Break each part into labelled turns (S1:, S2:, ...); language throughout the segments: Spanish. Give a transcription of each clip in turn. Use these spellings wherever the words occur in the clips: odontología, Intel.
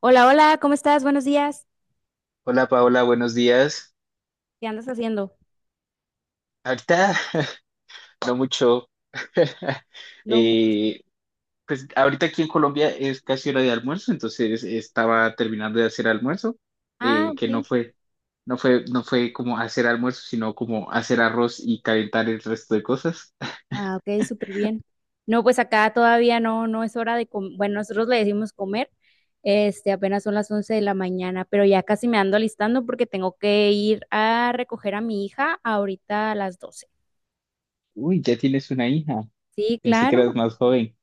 S1: Hola, hola, ¿cómo estás? Buenos días.
S2: Hola Paola, buenos días.
S1: ¿Qué andas haciendo?
S2: Ahorita no mucho.
S1: No,
S2: Eh, pues ahorita aquí en Colombia es casi hora de almuerzo, entonces estaba terminando de hacer almuerzo,
S1: ah,
S2: que no
S1: ok.
S2: fue, no fue, no fue como hacer almuerzo, sino como hacer arroz y calentar el resto de cosas.
S1: Ah, ok, súper bien. No, pues acá todavía no, no es hora de comer. Bueno, nosotros le decimos comer. Apenas son las 11 de la mañana, pero ya casi me ando alistando porque tengo que ir a recoger a mi hija ahorita a las 12.
S2: Uy, ya tienes una hija.
S1: Sí,
S2: Pensé que
S1: claro.
S2: eras más joven.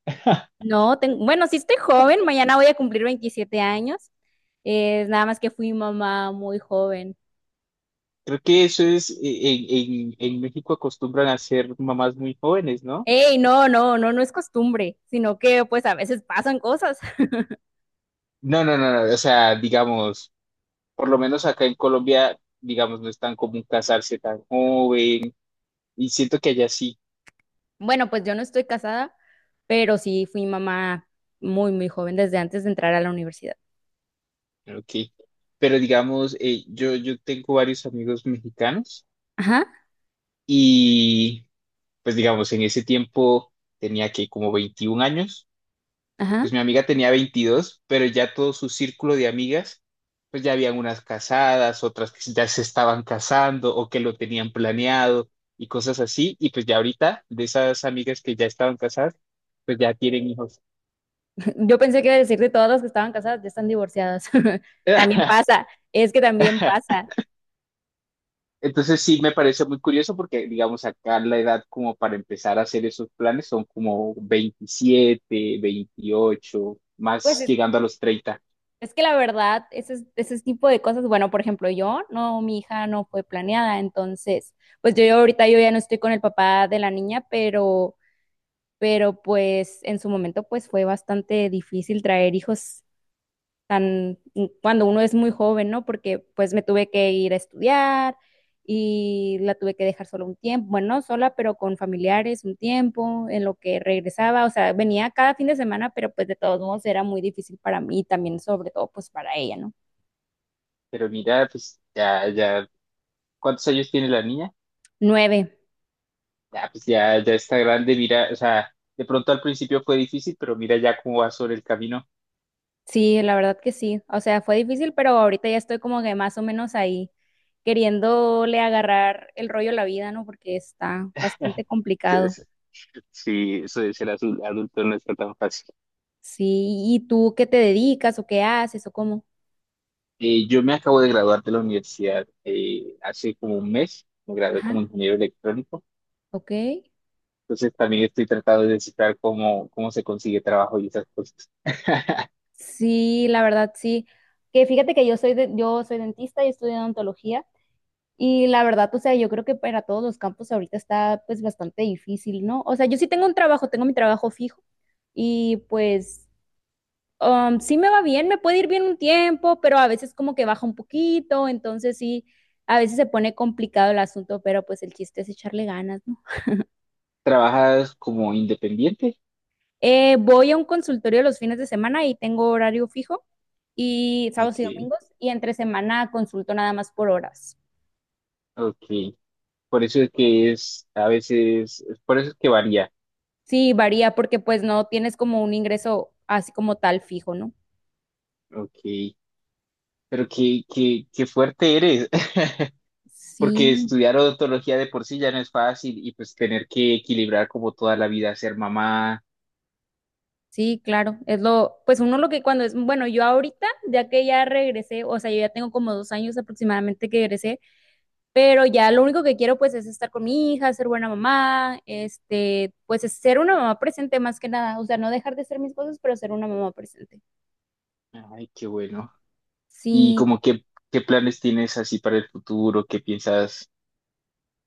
S1: No, bueno, sí estoy joven, mañana voy a cumplir 27 años. Nada más que fui mamá muy joven.
S2: Creo que eso es, en México acostumbran a ser mamás muy jóvenes, ¿no?
S1: Ey, no, no, no, no es costumbre, sino que pues a veces pasan cosas.
S2: No, no, no, no, o sea, digamos, por lo menos acá en Colombia, digamos, no es tan común casarse tan joven y siento que allá sí.
S1: Bueno, pues yo no estoy casada, pero sí fui mamá muy, muy joven desde antes de entrar a la universidad.
S2: Ok. Pero digamos, yo tengo varios amigos mexicanos
S1: Ajá,
S2: y pues digamos, en ese tiempo tenía que como 21 años,
S1: ajá.
S2: pues mi amiga tenía 22, pero ya todo su círculo de amigas, pues ya habían unas casadas, otras que ya se estaban casando o que lo tenían planeado y cosas así. Y pues ya ahorita de esas amigas que ya estaban casadas, pues ya tienen hijos.
S1: Yo pensé que iba a decir de todas las que estaban casadas, ya están divorciadas. También pasa, es que también pasa.
S2: Entonces sí me parece muy curioso porque, digamos, acá la edad como para empezar a hacer esos planes son como 27, 28,
S1: Pues
S2: más
S1: es,
S2: llegando a los 30.
S1: es que la verdad, ese tipo de cosas, bueno, por ejemplo, yo, no, mi hija no fue planeada, entonces, pues yo ahorita yo ya no estoy con el papá de la niña, pero pues en su momento pues fue bastante difícil traer hijos tan cuando uno es muy joven, ¿no? Porque pues me tuve que ir a estudiar y la tuve que dejar sola un tiempo, bueno, no sola, pero con familiares un tiempo, en lo que regresaba, o sea, venía cada fin de semana, pero pues de todos modos era muy difícil para mí y también sobre todo pues para ella, ¿no?
S2: Pero mira, pues ya, ya, ¿cuántos años tiene la niña?
S1: 9,
S2: Ya, pues ya está grande, mira, o sea, de pronto al principio fue difícil, pero mira ya cómo va sobre el camino.
S1: sí, la verdad que sí, o sea, fue difícil, pero ahorita ya estoy como que más o menos ahí queriéndole agarrar el rollo a la vida, ¿no? Porque está bastante complicado.
S2: Entonces, sí, eso de ser adulto no está tan fácil.
S1: Sí, ¿y tú qué te dedicas o qué haces o cómo?
S2: Yo me acabo de graduar de la universidad, hace como un mes, me gradué como
S1: Ajá.
S2: ingeniero electrónico,
S1: Ok.
S2: entonces también estoy tratando de descifrar cómo se consigue trabajo y esas cosas.
S1: Sí, la verdad sí. Que fíjate que yo soy yo soy dentista y estudio odontología y la verdad, o sea, yo creo que para todos los campos ahorita está pues bastante difícil, ¿no? O sea, yo sí tengo un trabajo, tengo mi trabajo fijo y pues sí me va bien, me puede ir bien un tiempo, pero a veces como que baja un poquito, entonces sí, a veces se pone complicado el asunto, pero pues el chiste es echarle ganas, ¿no?
S2: ¿Trabajas como independiente?
S1: Voy a un consultorio los fines de semana y tengo horario fijo y sábados
S2: Ok,
S1: y domingos y entre semana consulto nada más por horas.
S2: ok. Por eso es que es, a veces, por eso es que varía.
S1: Sí, varía porque pues no tienes como un ingreso así como tal fijo, ¿no?
S2: Ok, pero qué fuerte eres, porque
S1: Sí,
S2: estudiar odontología de por sí ya no es fácil y pues tener que equilibrar como toda la vida, ser mamá.
S1: sí, claro. Es lo, pues uno lo que cuando es, bueno, yo ahorita, ya que ya regresé, o sea, yo ya tengo como 2 años aproximadamente que regresé, pero ya lo único que quiero pues es estar con mi hija, ser buena mamá, pues es ser una mamá presente más que nada, o sea, no dejar de hacer mis cosas, pero ser una mamá presente.
S2: Ay, qué bueno. Y
S1: Sí.
S2: como qué planes tienes así para el futuro, qué piensas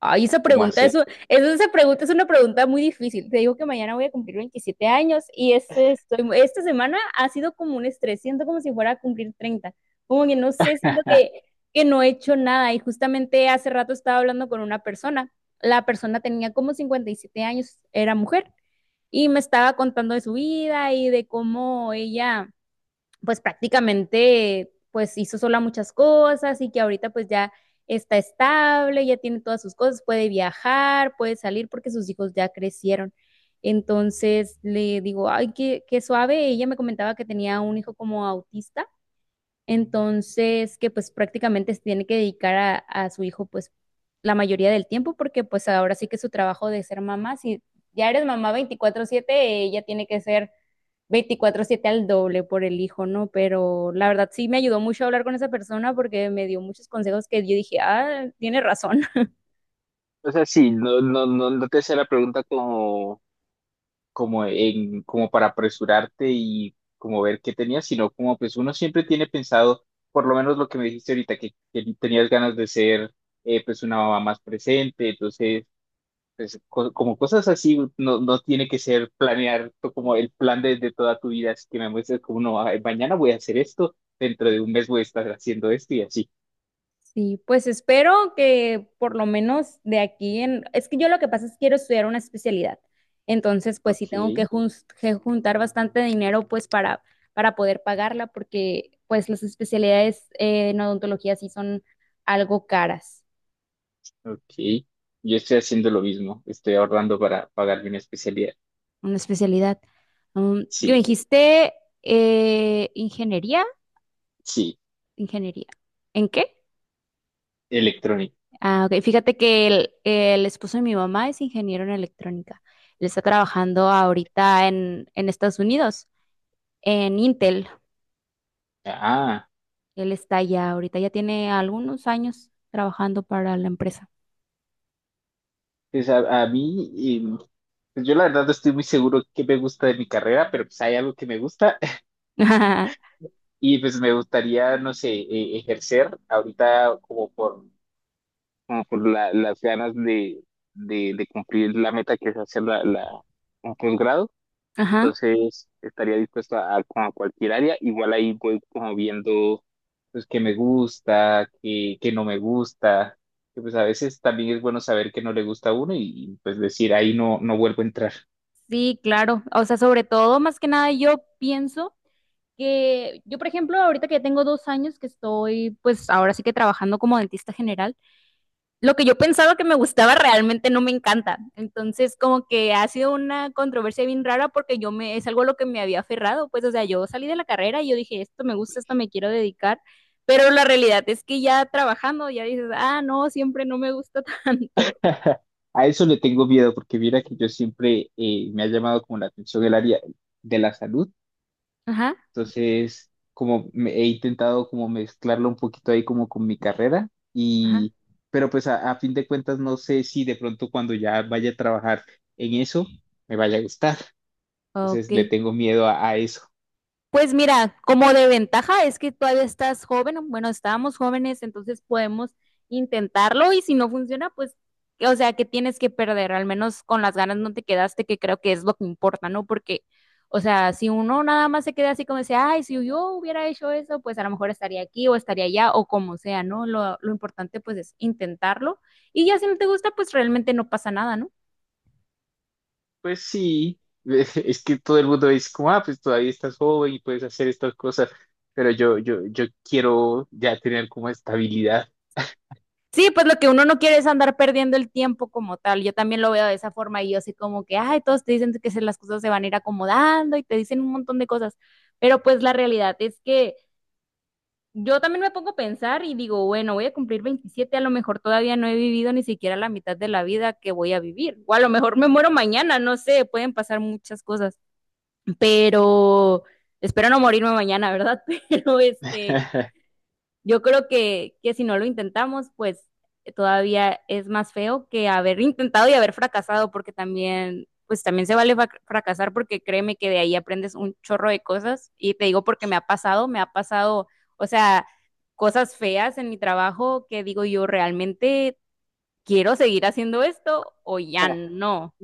S1: Ay, esa
S2: cómo
S1: pregunta es,
S2: hacer.
S1: esa pregunta es una pregunta muy difícil. Te digo que mañana voy a cumplir 27 años y esta semana ha sido como un estrés. Siento como si fuera a cumplir 30. Como que no sé, siento que no he hecho nada. Y justamente hace rato estaba hablando con una persona. La persona tenía como 57 años, era mujer, y me estaba contando de su vida y de cómo ella pues prácticamente pues hizo sola muchas cosas y que ahorita pues ya está estable, ya tiene todas sus cosas, puede viajar, puede salir porque sus hijos ya crecieron. Entonces le digo, ay, qué suave. Ella me comentaba que tenía un hijo como autista, entonces que pues prácticamente se tiene que dedicar a su hijo pues la mayoría del tiempo porque pues ahora sí que su trabajo de ser mamá, si ya eres mamá 24/7, ella tiene que ser 24/7 al doble por el hijo, ¿no? Pero la verdad sí me ayudó mucho a hablar con esa persona porque me dio muchos consejos que yo dije, ah, tiene razón.
S2: O sea, sí, no, no, no, no te hacía la pregunta como, como para apresurarte y como ver qué tenías, sino como pues uno siempre tiene pensado, por lo menos lo que me dijiste ahorita, que tenías ganas de ser, pues una mamá más presente, entonces pues como cosas así, no, tiene que ser planear como el plan de toda tu vida, así que me muestres como no, ay, mañana voy a hacer esto, dentro de un mes voy a estar haciendo esto y así.
S1: Sí, pues espero que por lo menos de aquí en... Es que yo lo que pasa es que quiero estudiar una especialidad. Entonces, pues sí
S2: Ok,
S1: tengo que juntar bastante dinero pues para, poder pagarla porque pues las especialidades en odontología sí son algo caras.
S2: ok. Yo estoy haciendo lo mismo. Estoy ahorrando para pagarme una especialidad.
S1: Una especialidad. Yo
S2: Sí,
S1: dijiste ingeniería.
S2: sí,
S1: Ingeniería. ¿En qué?
S2: electrónica.
S1: Ah, ok. Fíjate que el esposo de mi mamá es ingeniero en electrónica. Él está trabajando ahorita en, Estados Unidos, en Intel.
S2: Ah,
S1: Él está ya ahorita, ya tiene algunos años trabajando para la empresa.
S2: pues a mí, pues yo la verdad no estoy muy seguro qué me gusta de mi carrera, pero pues hay algo que me gusta. Y pues me gustaría, no sé, ejercer ahorita como por, las ganas de cumplir la meta que es hacer un posgrado.
S1: Ajá.
S2: Entonces, estaría dispuesto a, como a cualquier área. Igual ahí voy como viendo, pues, qué me gusta, qué no me gusta. Que pues a veces también es bueno saber qué no le gusta a uno pues decir, ahí no, no vuelvo a entrar.
S1: Sí, claro. O sea, sobre todo, más que nada, yo pienso que yo, por ejemplo, ahorita que ya tengo 2 años que pues ahora sí que trabajando como dentista general. Lo que yo pensaba que me gustaba realmente no me encanta. Entonces, como que ha sido una controversia bien rara porque es algo a lo que me había aferrado, pues, o sea, yo salí de la carrera y yo dije, esto me gusta, esto me quiero dedicar, pero la realidad es que ya trabajando, ya dices, ah, no, siempre no me gusta tanto.
S2: A eso le tengo miedo porque mira que yo siempre, me ha llamado como la atención el área de la salud.
S1: Ajá,
S2: Entonces, como he intentado como mezclarlo un poquito ahí como con mi carrera,
S1: ajá,
S2: y pero pues a fin de cuentas no sé si de pronto cuando ya vaya a trabajar en eso me vaya a gustar. Entonces
S1: ok.
S2: le tengo miedo a eso.
S1: Pues mira, como de ventaja es que todavía estás joven, bueno, estábamos jóvenes, entonces podemos intentarlo y si no funciona, pues, o sea, que tienes que perder, al menos con las ganas no te quedaste, que creo que es lo que importa, ¿no? Porque, o sea, si uno nada más se queda así como dice, ay, si yo hubiera hecho eso, pues a lo mejor estaría aquí o estaría allá o como sea, ¿no? Lo importante pues es intentarlo y ya si no te gusta, pues realmente no pasa nada, ¿no?
S2: Pues sí, es que todo el mundo dice como, ah, pues todavía estás joven y puedes hacer estas cosas, pero yo quiero ya tener como estabilidad.
S1: Sí, pues lo que uno no quiere es andar perdiendo el tiempo como tal. Yo también lo veo de esa forma y yo sé como que, ay, todos te dicen que las cosas se van a ir acomodando y te dicen un montón de cosas, pero pues la realidad es que yo también me pongo a pensar y digo, bueno, voy a cumplir 27, a lo mejor todavía no he vivido ni siquiera la mitad de la vida que voy a vivir, o a lo mejor me muero mañana, no sé, pueden pasar muchas cosas, pero espero no morirme mañana, ¿verdad? Pero este... Yo creo que si no lo intentamos, pues todavía es más feo que haber intentado y haber fracasado, porque también, pues también se vale fracasar, porque créeme que de ahí aprendes un chorro de cosas. Y te digo porque me ha pasado, o sea, cosas feas en mi trabajo que digo yo realmente quiero seguir haciendo esto o ya no.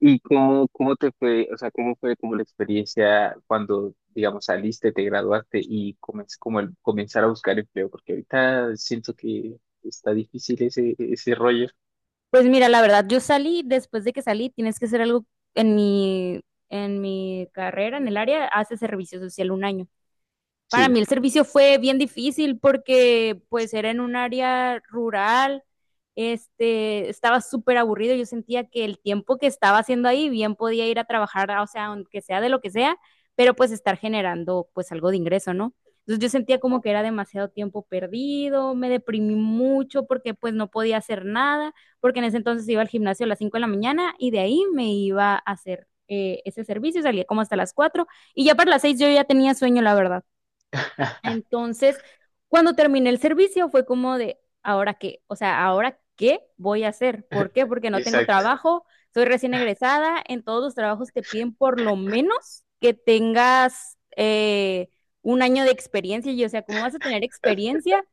S2: ¿Y cómo te fue, o sea, cómo fue como la experiencia cuando, digamos, saliste, te graduaste y comenzar a buscar empleo? Porque ahorita siento que está difícil ese rollo.
S1: Pues mira, la verdad, yo salí, después de que salí, tienes que hacer algo en mi, en mi carrera, en el área, hace servicio social un año. Para mí
S2: Sí,
S1: el servicio fue bien difícil porque pues era en un área rural, estaba súper aburrido, yo sentía que el tiempo que estaba haciendo ahí bien podía ir a trabajar, o sea, aunque sea de lo que sea, pero pues estar generando pues algo de ingreso, ¿no? Entonces yo sentía como que era demasiado tiempo perdido, me deprimí mucho porque pues no podía hacer nada, porque en ese entonces iba al gimnasio a las 5 de la mañana y de ahí me iba a hacer ese servicio, salía como hasta las 4 y ya para las 6 yo ya tenía sueño, la verdad. Entonces, cuando terminé el servicio fue como de, ¿ahora qué? O sea, ¿ahora qué voy a hacer? ¿Por qué? Porque no tengo
S2: exacto.
S1: trabajo, soy recién egresada, en todos los trabajos te piden por lo menos que tengas un año de experiencia. Y yo, o sea, ¿cómo vas a tener experiencia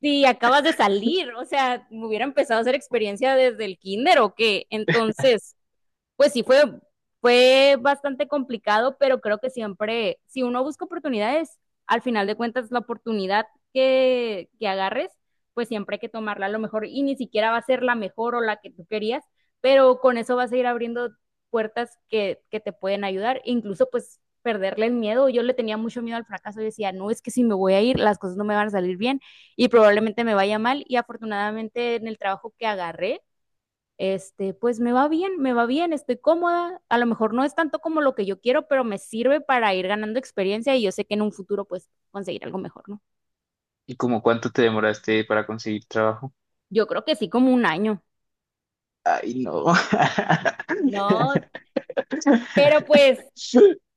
S1: si acabas de salir? O sea, me hubiera empezado a hacer experiencia desde el kinder o qué. Entonces pues sí fue bastante complicado, pero creo que siempre, si uno busca oportunidades, al final de cuentas la oportunidad que agarres, pues siempre hay que tomarla a lo mejor y ni siquiera va a ser la mejor o la que tú querías, pero con eso vas a ir abriendo puertas que te pueden ayudar, incluso pues perderle el miedo. Yo le tenía mucho miedo al fracaso. Yo decía, no, es que si me voy a ir, las cosas no me van a salir bien y probablemente me vaya mal. Y afortunadamente en el trabajo que agarré, pues me va bien, estoy cómoda, a lo mejor no es tanto como lo que yo quiero, pero me sirve para ir ganando experiencia y yo sé que en un futuro pues conseguir algo mejor, ¿no?
S2: ¿Y como cuánto te demoraste para conseguir trabajo?
S1: Yo creo que sí, como un año.
S2: Ay, no.
S1: No, pero pues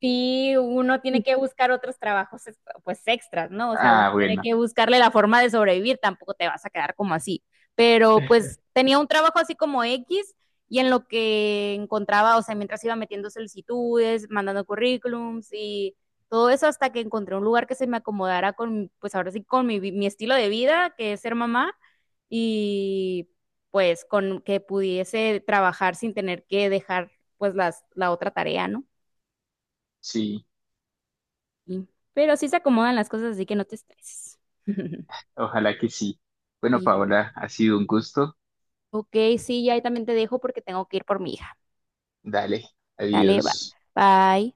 S1: sí uno tiene que buscar otros trabajos pues extras, ¿no? O sea, uno
S2: Ah,
S1: tiene
S2: bueno,
S1: que buscarle la forma de sobrevivir, tampoco te vas a quedar como así. Pero pues tenía un trabajo así como X y en lo que encontraba, o sea, mientras iba metiendo solicitudes, mandando currículums y todo eso hasta que encontré un lugar que se me acomodara con, pues ahora sí, con mi, mi estilo de vida, que es ser mamá y pues con que pudiese trabajar sin tener que dejar pues la otra tarea, ¿no?
S2: sí,
S1: Sí. Pero sí se acomodan las cosas, así que no te estreses.
S2: ojalá que sí. Bueno,
S1: Sí,
S2: Paola, ha sido un gusto.
S1: ok, sí, ya ahí también te dejo porque tengo que ir por mi hija.
S2: Dale,
S1: Dale, va.
S2: adiós.
S1: Bye.